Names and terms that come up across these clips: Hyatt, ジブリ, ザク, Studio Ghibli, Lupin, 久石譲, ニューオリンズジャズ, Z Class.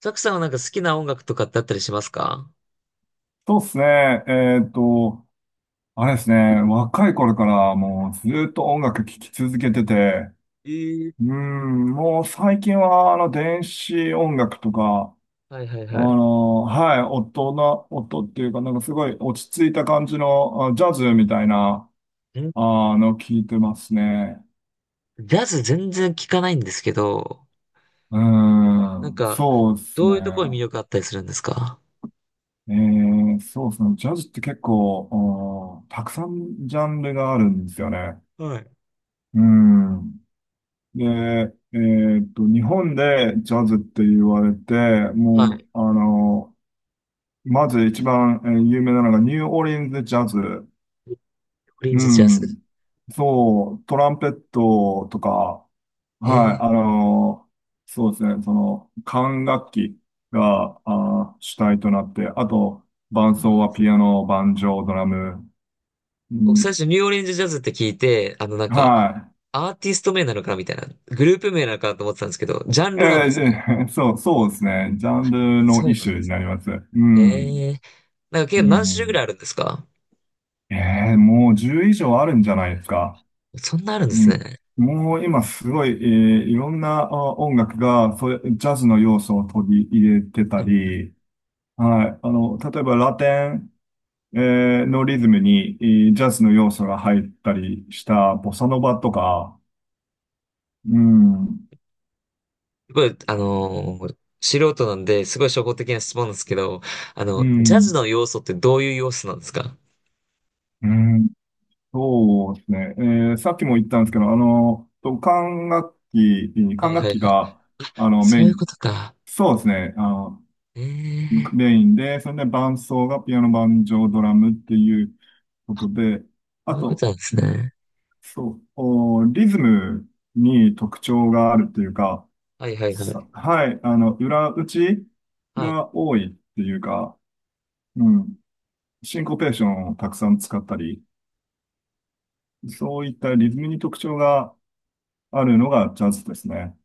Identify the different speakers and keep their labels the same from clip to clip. Speaker 1: ザクさんはなんか好きな音楽とかってあったりしますか？
Speaker 2: そうですね。あれですね。若い頃からもうずっと音楽聴き続けてて、うん、もう最近は電子音楽とか、
Speaker 1: はいはいはい。
Speaker 2: はい、音っていうかなんかすごい落ち着いた感じのあジャズみたいな、
Speaker 1: ん
Speaker 2: 聴いてますね。
Speaker 1: ジャズ全然聞かないんですけど、
Speaker 2: う
Speaker 1: なん
Speaker 2: ん、
Speaker 1: か、
Speaker 2: そうです
Speaker 1: ど
Speaker 2: ね。
Speaker 1: ういうところに魅力あったりするんですか？
Speaker 2: そうですね。ジャズって結構、うんたくさんジャンルがあるんですよね。
Speaker 1: はい。
Speaker 2: うん。で、日本でジャズって言われて、
Speaker 1: は
Speaker 2: も
Speaker 1: い。
Speaker 2: う、まず一番、有名なのがニューオーリンズジャズ。
Speaker 1: ニューオリン
Speaker 2: う
Speaker 1: ズジャズ。
Speaker 2: ん。そう、トランペットとか、はい、
Speaker 1: ええ
Speaker 2: そうですね、その、管楽器が、主体となって、あと、伴奏はピアノ、バンジョ o ドラム。う
Speaker 1: 僕最
Speaker 2: ん、
Speaker 1: 初ニューオリンズジャズって聞いて、
Speaker 2: は
Speaker 1: アーティスト名なのかなみたいな、グループ名なのかなと思ってたんですけど、ジャン
Speaker 2: い。
Speaker 1: ルなんですね。
Speaker 2: そう、そうですね。ジャンルの
Speaker 1: そう
Speaker 2: 一
Speaker 1: なんで
Speaker 2: 種に
Speaker 1: す。
Speaker 2: なります。うん。
Speaker 1: ええなんか
Speaker 2: う
Speaker 1: 結構何種類ぐら
Speaker 2: ん。
Speaker 1: いあるんですか？
Speaker 2: えもう10以上あるんじゃないですか。
Speaker 1: そんなあるんで
Speaker 2: う
Speaker 1: す
Speaker 2: ん。
Speaker 1: ね。
Speaker 2: もう今すごい、いろんなあ音楽が、それ、ジャズの要素を取り入れて
Speaker 1: は
Speaker 2: た
Speaker 1: い
Speaker 2: り、はい。あの、例えばラテン、えのリズムに、ジャズの要素が入ったりしたボサノバとか、うん。
Speaker 1: すごい、素人なんで、すごい初歩的な質問なんですけど、あ
Speaker 2: う
Speaker 1: の、ジャズ
Speaker 2: ん。
Speaker 1: の要素ってどういう要素なんですか？
Speaker 2: うん。そうですね。さっきも言ったんですけど、あの、と
Speaker 1: は
Speaker 2: 管
Speaker 1: い
Speaker 2: 楽
Speaker 1: はい
Speaker 2: 器
Speaker 1: はい。
Speaker 2: が、あの、メ
Speaker 1: そ
Speaker 2: イ
Speaker 1: ういうこ
Speaker 2: ン、
Speaker 1: とか。
Speaker 2: そうですね。あの、
Speaker 1: ええ
Speaker 2: メインで、それで伴奏がピアノ、banjo ドラムっていうことで、
Speaker 1: ー、そ
Speaker 2: あ
Speaker 1: ういうこと
Speaker 2: と、
Speaker 1: なんですね。
Speaker 2: そう、おリズムに特徴があるっていうか、
Speaker 1: はいはいはい。
Speaker 2: はい、あの、裏打ち
Speaker 1: はい。
Speaker 2: が多いっていうか、うん、シンコペーションをたくさん使ったり、そういったリズムに特徴があるのがジャズですね。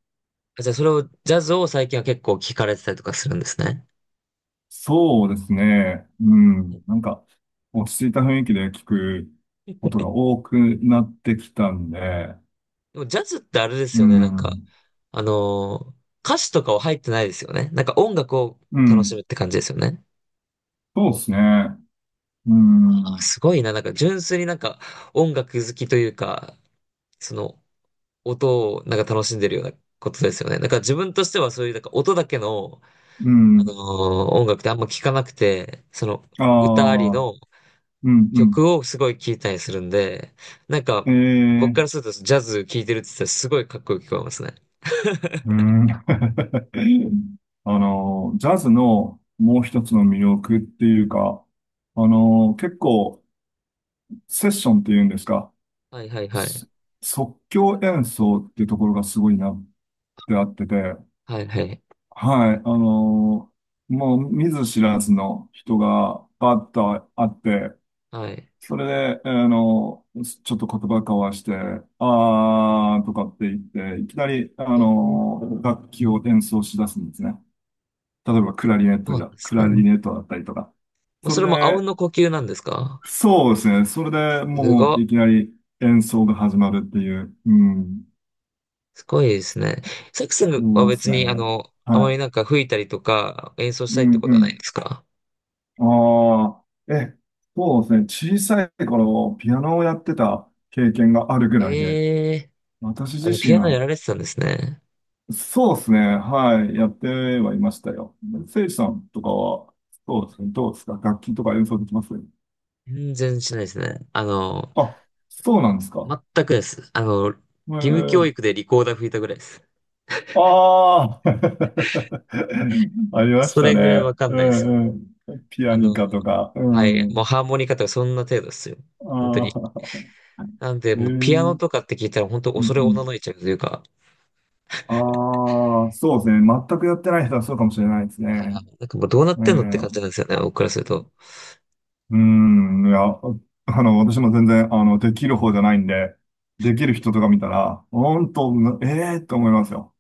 Speaker 1: あじゃあ、それを、ジャズを最近は結構聞かれてたりとかするんですね。
Speaker 2: そうですね。うん。なんか、落ち着いた雰囲気で聞くことが多くなってきたんで、
Speaker 1: でも、ジャズってあれで
Speaker 2: う
Speaker 1: すよね、
Speaker 2: ん。
Speaker 1: あのー歌詞とかは入ってないですよね。なんか音楽を
Speaker 2: う
Speaker 1: 楽し
Speaker 2: ん。
Speaker 1: むって感じですよね。
Speaker 2: そうですね。う
Speaker 1: あ、
Speaker 2: ん。
Speaker 1: すごいな、なんか純粋になんか音楽好きというか、その音をなんか楽しんでるようなことですよね。だから自分としてはそういうなんか音だけの、
Speaker 2: う
Speaker 1: あのー
Speaker 2: ん。
Speaker 1: 音楽ってあんま聞かなくて、その
Speaker 2: あ
Speaker 1: 歌あり
Speaker 2: あ、
Speaker 1: の
Speaker 2: うん、うん。
Speaker 1: 曲をすごい聞いたりするんで、なんか
Speaker 2: え
Speaker 1: 僕
Speaker 2: え、
Speaker 1: からするとジャズ聞いてるって言ったらすごいかっこよく聞こえますね。
Speaker 2: うん。あの、ジャズのもう一つの魅力っていうか、あの、結構、セッションっていうんですか、
Speaker 1: はいはいはい。
Speaker 2: す即興演奏っていうところがすごいなってあってて、
Speaker 1: はいはい。
Speaker 2: はい、もう見ず知らずの人がバッと会って、
Speaker 1: はい。
Speaker 2: それで、ちょっと言葉交わして、あーとかって言って、いきなり、
Speaker 1: えー、
Speaker 2: 楽器を演奏し出すんですね。例えば、
Speaker 1: そうなんです
Speaker 2: クラ
Speaker 1: ね。
Speaker 2: リネットだったりとか。
Speaker 1: もう
Speaker 2: そ
Speaker 1: そ
Speaker 2: れ
Speaker 1: れもあうん
Speaker 2: で、
Speaker 1: の呼吸なんですか？
Speaker 2: そうですね。それで
Speaker 1: す
Speaker 2: もう、
Speaker 1: ご、
Speaker 2: いきなり演奏が始まるっていう。うん。
Speaker 1: すごいですね。サックスは
Speaker 2: そうです
Speaker 1: 別にあ
Speaker 2: ね。
Speaker 1: の、あまり
Speaker 2: は
Speaker 1: なんか吹いたりとか演奏し
Speaker 2: い。う
Speaker 1: たりって
Speaker 2: ん
Speaker 1: こと
Speaker 2: う
Speaker 1: はないん
Speaker 2: ん。
Speaker 1: ですか？
Speaker 2: ああ、え、そうですね。小さい頃、ピアノをやってた経験があるぐらいで、
Speaker 1: ええー
Speaker 2: 私自
Speaker 1: あの、ピア
Speaker 2: 身
Speaker 1: ノや
Speaker 2: は
Speaker 1: られてたんですね。
Speaker 2: そうですね。はい。やってはいましたよ。せいじさんとかは、そうですね。どうですか楽器とか演奏できます
Speaker 1: 全然しないですね。あの、
Speaker 2: あ、そうなんですか。
Speaker 1: 全くです。あの、義
Speaker 2: え
Speaker 1: 務教
Speaker 2: ー、
Speaker 1: 育でリコーダー吹いたぐらいです。
Speaker 2: ああ ありまし
Speaker 1: そ
Speaker 2: た
Speaker 1: れぐらい
Speaker 2: ね。
Speaker 1: わかん
Speaker 2: う
Speaker 1: ないです。
Speaker 2: んうん。ピア
Speaker 1: あ
Speaker 2: ニ
Speaker 1: の、
Speaker 2: カとか。う
Speaker 1: はい、もう
Speaker 2: ん。
Speaker 1: ハーモニカとかそんな程度ですよ。本当に。
Speaker 2: ああ、
Speaker 1: なんで、
Speaker 2: えー、う
Speaker 1: もうピアノ
Speaker 2: ん
Speaker 1: とかって聞いたら本当
Speaker 2: う
Speaker 1: 恐れおの
Speaker 2: ん。
Speaker 1: のいちゃうというか、
Speaker 2: ああ、そうですね。全くやってない人はそうかもしれないです
Speaker 1: あーな
Speaker 2: ね。
Speaker 1: んかもうどうなっ
Speaker 2: う
Speaker 1: てんのって感じな
Speaker 2: ん。
Speaker 1: んですよね、僕からすると。
Speaker 2: うん、いや、私も全然、できる方じゃないんで、できる人とか見たら、本当、ええー、と思いますよ。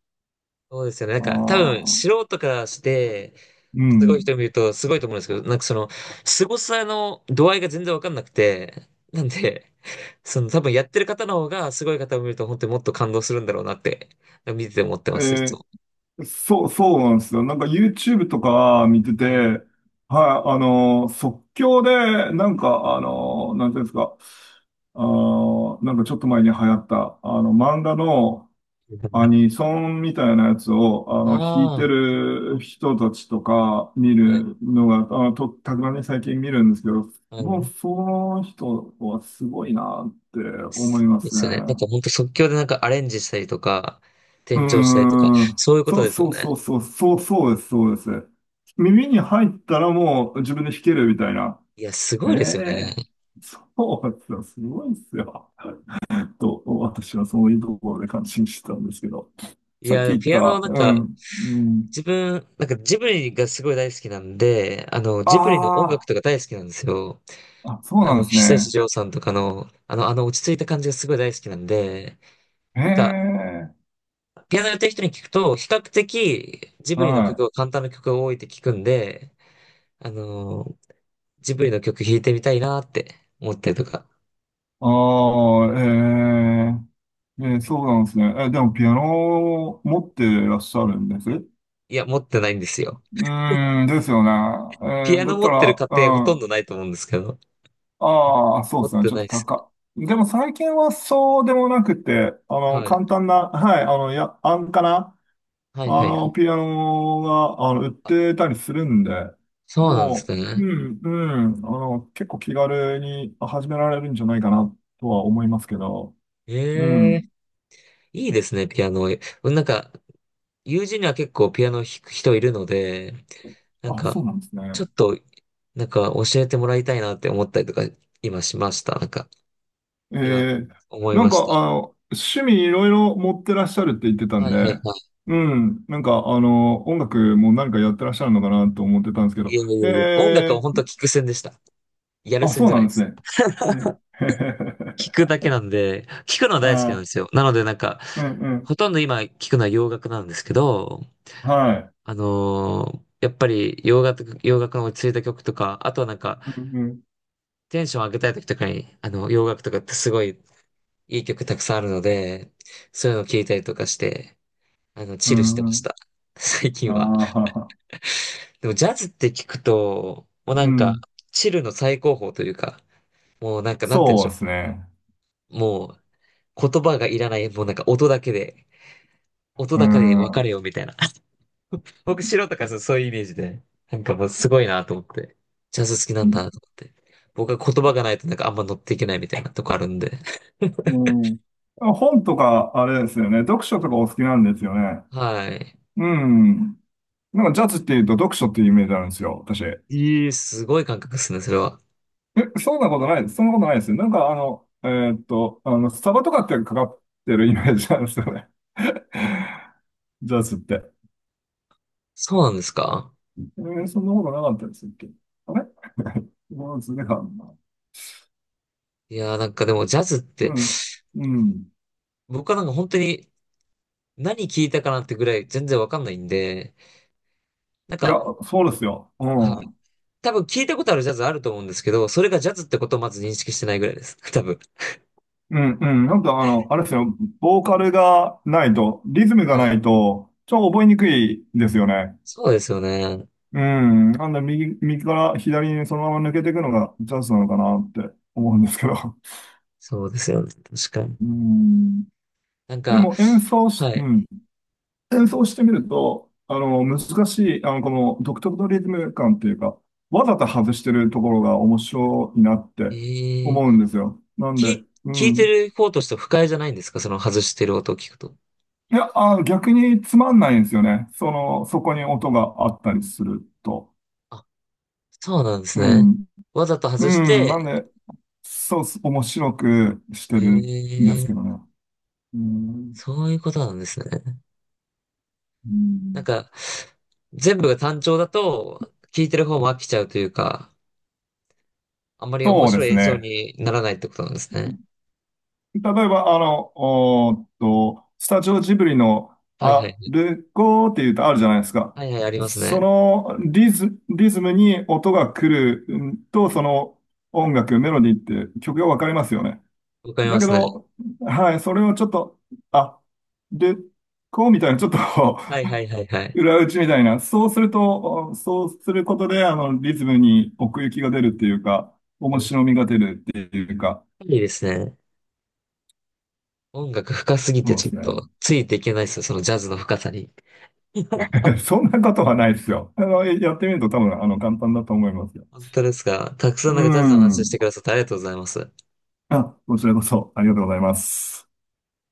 Speaker 1: そうですよね。なん
Speaker 2: あ
Speaker 1: か、多分、
Speaker 2: あ、
Speaker 1: 素人からして、
Speaker 2: う
Speaker 1: すごい
Speaker 2: ん。
Speaker 1: 人見ると、すごいと思うんですけど、なんかその、凄さの度合いが全然わかんなくて、なんで、その、多分やってる方の方が、すごい方を見ると、本当にもっと感動するんだろうなって、見てて思ってます、いつ
Speaker 2: え
Speaker 1: も。
Speaker 2: ーそう、そうなんですよ。なんか YouTube とか見てて、
Speaker 1: はい。
Speaker 2: はい、即興で、なんか、あの、なんていうんですか、なんかちょっと前に流行った、あの、漫画の、アニソンみたいなやつを、弾いて
Speaker 1: あ
Speaker 2: る人たちとか見
Speaker 1: あ、はい、
Speaker 2: るのが、あの、と、たまに最近見るんですけど、
Speaker 1: は
Speaker 2: もう、
Speaker 1: い。
Speaker 2: その人はすごいなって
Speaker 1: で
Speaker 2: 思
Speaker 1: す。
Speaker 2: いま
Speaker 1: で
Speaker 2: すね。
Speaker 1: すよね。なんか本当即興でなんかアレンジしたりとか、
Speaker 2: う
Speaker 1: 転調したりとか、
Speaker 2: ーん。
Speaker 1: そういうこと
Speaker 2: そう
Speaker 1: ですよ
Speaker 2: そう
Speaker 1: ね。
Speaker 2: そうそう、そうそうです、そうです。耳に入ったらもう自分で弾けるみたいな。
Speaker 1: いや、す
Speaker 2: え
Speaker 1: ごいですよね。
Speaker 2: えそうですよ、すごいですよ。と、私はそういうところで感心してたんですけど。
Speaker 1: い
Speaker 2: さっき
Speaker 1: や、
Speaker 2: 言っ
Speaker 1: ピアノは
Speaker 2: た、
Speaker 1: な
Speaker 2: う
Speaker 1: んか、
Speaker 2: ん、うん。
Speaker 1: 自分、なんかジブリがすごい大好きなんで、あの、
Speaker 2: あ
Speaker 1: ジブリの音楽
Speaker 2: あ、
Speaker 1: とか大好きなんですよ。
Speaker 2: あ、そう
Speaker 1: あ
Speaker 2: な
Speaker 1: の、
Speaker 2: んです
Speaker 1: 久石
Speaker 2: ね。
Speaker 1: 譲さんとかの、あの落ち着いた感じがすごい大好きなんで、
Speaker 2: へ
Speaker 1: なんか、
Speaker 2: え、
Speaker 1: ピアノやってる人に聞くと、比較的ジブリの
Speaker 2: は
Speaker 1: 曲
Speaker 2: い。
Speaker 1: は簡単な曲が多いって聞くんで、あの、ジブリの曲弾いてみたいなって思ったりとか。
Speaker 2: ああ、ええ、ええ、そうなんですね。え、でもピアノを持ってらっしゃるんですう
Speaker 1: いや、持ってないんですよ。
Speaker 2: ーん、ですよね。え
Speaker 1: ピア
Speaker 2: ーだ
Speaker 1: ノ
Speaker 2: っ
Speaker 1: 持
Speaker 2: た
Speaker 1: ってる
Speaker 2: ら、
Speaker 1: 家庭ほとん
Speaker 2: う
Speaker 1: どな
Speaker 2: ん、
Speaker 1: いと思うんですけど。
Speaker 2: ああ、そう
Speaker 1: 持
Speaker 2: で
Speaker 1: っ
Speaker 2: すね。
Speaker 1: て
Speaker 2: ちょ
Speaker 1: な
Speaker 2: っ
Speaker 1: い
Speaker 2: と
Speaker 1: です。
Speaker 2: 高。でも最近はそうでもなくて、
Speaker 1: はい。
Speaker 2: 簡単な、はい、あの、や、安価な、
Speaker 1: はいはいはい。
Speaker 2: ピアノが、売っ
Speaker 1: あ、
Speaker 2: てたりするんで、
Speaker 1: そうなんで
Speaker 2: も
Speaker 1: す
Speaker 2: う、う
Speaker 1: ね。
Speaker 2: ん、うん、結構気軽に始められるんじゃないかなとは思いますけど、う
Speaker 1: え
Speaker 2: ん。
Speaker 1: えいいですね、ピアノ。なんか、友人には結構ピアノ弾く人いるので、なん
Speaker 2: あ、
Speaker 1: か、
Speaker 2: そうなんですね。
Speaker 1: ちょっと、なんか教えてもらいたいなって思ったりとか、今しました。なんか、
Speaker 2: え
Speaker 1: 今、
Speaker 2: ー、
Speaker 1: 思い
Speaker 2: なん
Speaker 1: まし
Speaker 2: か、趣味いろいろ持ってらっしゃるって言ってた
Speaker 1: た。
Speaker 2: ん
Speaker 1: はいはい
Speaker 2: で、
Speaker 1: はい。
Speaker 2: うん、なんか、音楽も何かやってらっしゃるのかなと思ってたんですけ
Speaker 1: い
Speaker 2: ど、
Speaker 1: やいやいや、音楽は
Speaker 2: え
Speaker 1: 本
Speaker 2: ー、
Speaker 1: 当聞く専でした。やる
Speaker 2: あ、
Speaker 1: 専
Speaker 2: そう
Speaker 1: じゃな
Speaker 2: な
Speaker 1: い
Speaker 2: ん
Speaker 1: で
Speaker 2: です
Speaker 1: す。
Speaker 2: ね。え、
Speaker 1: 聞くだけなんで、聞くのは 大好きなんで
Speaker 2: あ
Speaker 1: すよ。なのでなんか、
Speaker 2: ー、うん、うん、
Speaker 1: ほとんど今聞くのは洋楽なんですけど、
Speaker 2: はい。
Speaker 1: やっぱり洋楽の落ち着いた曲とか、あとはなんか、
Speaker 2: うん、うん、
Speaker 1: テンション上げたい時とかに、あの、洋楽とかってすごいいい曲たくさんあるので、そういうのを聞いたりとかして、あの、
Speaker 2: う
Speaker 1: チルしてま
Speaker 2: ん、う
Speaker 1: し
Speaker 2: ん。
Speaker 1: た。最近
Speaker 2: あ
Speaker 1: は。
Speaker 2: あ、
Speaker 1: でもジャズって聞くと、もう
Speaker 2: う
Speaker 1: なんか、
Speaker 2: ん。
Speaker 1: チルの最高峰というか、もうなんか、なんて言うんで
Speaker 2: そ
Speaker 1: し
Speaker 2: う
Speaker 1: ょ
Speaker 2: ですね。
Speaker 1: う。もう、言葉がいらない、もうなんか音だけで、音
Speaker 2: う
Speaker 1: だけで分
Speaker 2: ん。
Speaker 1: か
Speaker 2: う
Speaker 1: れよみたいな。僕、白とかそうそういうイメージで、なんかもうすごいなと思って、ジャズ好きなんだなと思って。僕は言葉がないとなんかあんま乗っていけないみたいなとこあるんで。
Speaker 2: ん。あ本とか、あれですよね。読書とかお好きなんですよね。
Speaker 1: はい。
Speaker 2: うん。なんかジャズっていうと読書っていうイメージあるんですよ、私。え、
Speaker 1: ええ、すごい感覚ですね、それは。
Speaker 2: そんなことないです。そんなことないですよ。なんかあの、あの、スタバとかってかかってるイメージなんですよね。ジャズって。
Speaker 1: そうなんですか？
Speaker 2: えーそんなことなかったですっけあれ もうずれかな。
Speaker 1: いやーなんかでもジャズって、
Speaker 2: うん。うん。
Speaker 1: 僕はなんか本当に何聞いたかなってぐらい全然わかんないんで、なん
Speaker 2: いや、
Speaker 1: か、
Speaker 2: そうですよ。う
Speaker 1: はい。
Speaker 2: ん。
Speaker 1: 多分聞いたことあるジャズあると思うんですけど、それがジャズってことをまず認識してないぐらいです。多分。
Speaker 2: うん、うん。なんかあの、あれですよ。ボーカルがないと、リズムが
Speaker 1: はい。
Speaker 2: ないと、ちょっと覚えにくいですよね。
Speaker 1: そうですよね。
Speaker 2: うん。なんで右から左にそのまま抜けていくのがチャンスなのかなって思うんですけど。
Speaker 1: そうですよね。確かに。
Speaker 2: うん。
Speaker 1: なん
Speaker 2: で
Speaker 1: か、
Speaker 2: も演奏し、
Speaker 1: は
Speaker 2: う
Speaker 1: い。
Speaker 2: ん。演奏してみると、難しい、この独特のリズム感っていうか、わざと外してるところが面白いなって
Speaker 1: ええ、
Speaker 2: 思うんですよ。なん
Speaker 1: 聞
Speaker 2: で、
Speaker 1: い、
Speaker 2: う
Speaker 1: 聞いて
Speaker 2: ん。
Speaker 1: る方としては不快じゃないんですか？その外してる音を聞くと。
Speaker 2: いや、逆につまんないんですよね。その、そこに音があったりすると。
Speaker 1: あ、そうなんです
Speaker 2: う
Speaker 1: ね。
Speaker 2: ん。
Speaker 1: わざと
Speaker 2: う
Speaker 1: 外し
Speaker 2: ん。なん
Speaker 1: て、
Speaker 2: で、そうっす、面白くしてるんです
Speaker 1: え
Speaker 2: けど
Speaker 1: え
Speaker 2: ね。うん。
Speaker 1: そういうことなんですね。
Speaker 2: う
Speaker 1: なん
Speaker 2: ん
Speaker 1: か、全部が単調だと、聞いてる方も飽きちゃうというか、あんまり面
Speaker 2: そうで
Speaker 1: 白い
Speaker 2: す
Speaker 1: 演奏
Speaker 2: ね。
Speaker 1: にならないってことなんですね。
Speaker 2: 例えば、おーっと、スタジオジブリの、
Speaker 1: はいは
Speaker 2: あ、
Speaker 1: い。
Speaker 2: ルゴーって言うとあるじゃないですか。
Speaker 1: はいはい、あります
Speaker 2: そ
Speaker 1: ね。
Speaker 2: のリズムに音が来るうんと、その音楽、メロディーって曲がわかりますよね。
Speaker 1: わかり
Speaker 2: だ
Speaker 1: ま
Speaker 2: け
Speaker 1: すね。
Speaker 2: ど、はい、それをちょっと、あ、で、こうみたいな、ちょっと
Speaker 1: はいはいはいはい。
Speaker 2: 裏打ちみたいな、そうすると、そうすることで、リズムに奥行きが出るっていうか、
Speaker 1: や
Speaker 2: 面白
Speaker 1: っ
Speaker 2: みが出るっていうか、
Speaker 1: ぱりですね。音楽深すぎて
Speaker 2: そうで
Speaker 1: ちょっ
Speaker 2: す
Speaker 1: と
Speaker 2: ね。
Speaker 1: ついていけないですよ、そのジャズの深さに。
Speaker 2: そんなことはないですよ。やってみると多分、簡単だと思いますよ。
Speaker 1: 本当ですか。たくさん
Speaker 2: う
Speaker 1: なんかジャズの話して
Speaker 2: ん。
Speaker 1: くださってありがとうございます。
Speaker 2: あ、こちらこそ、ありがとうございます。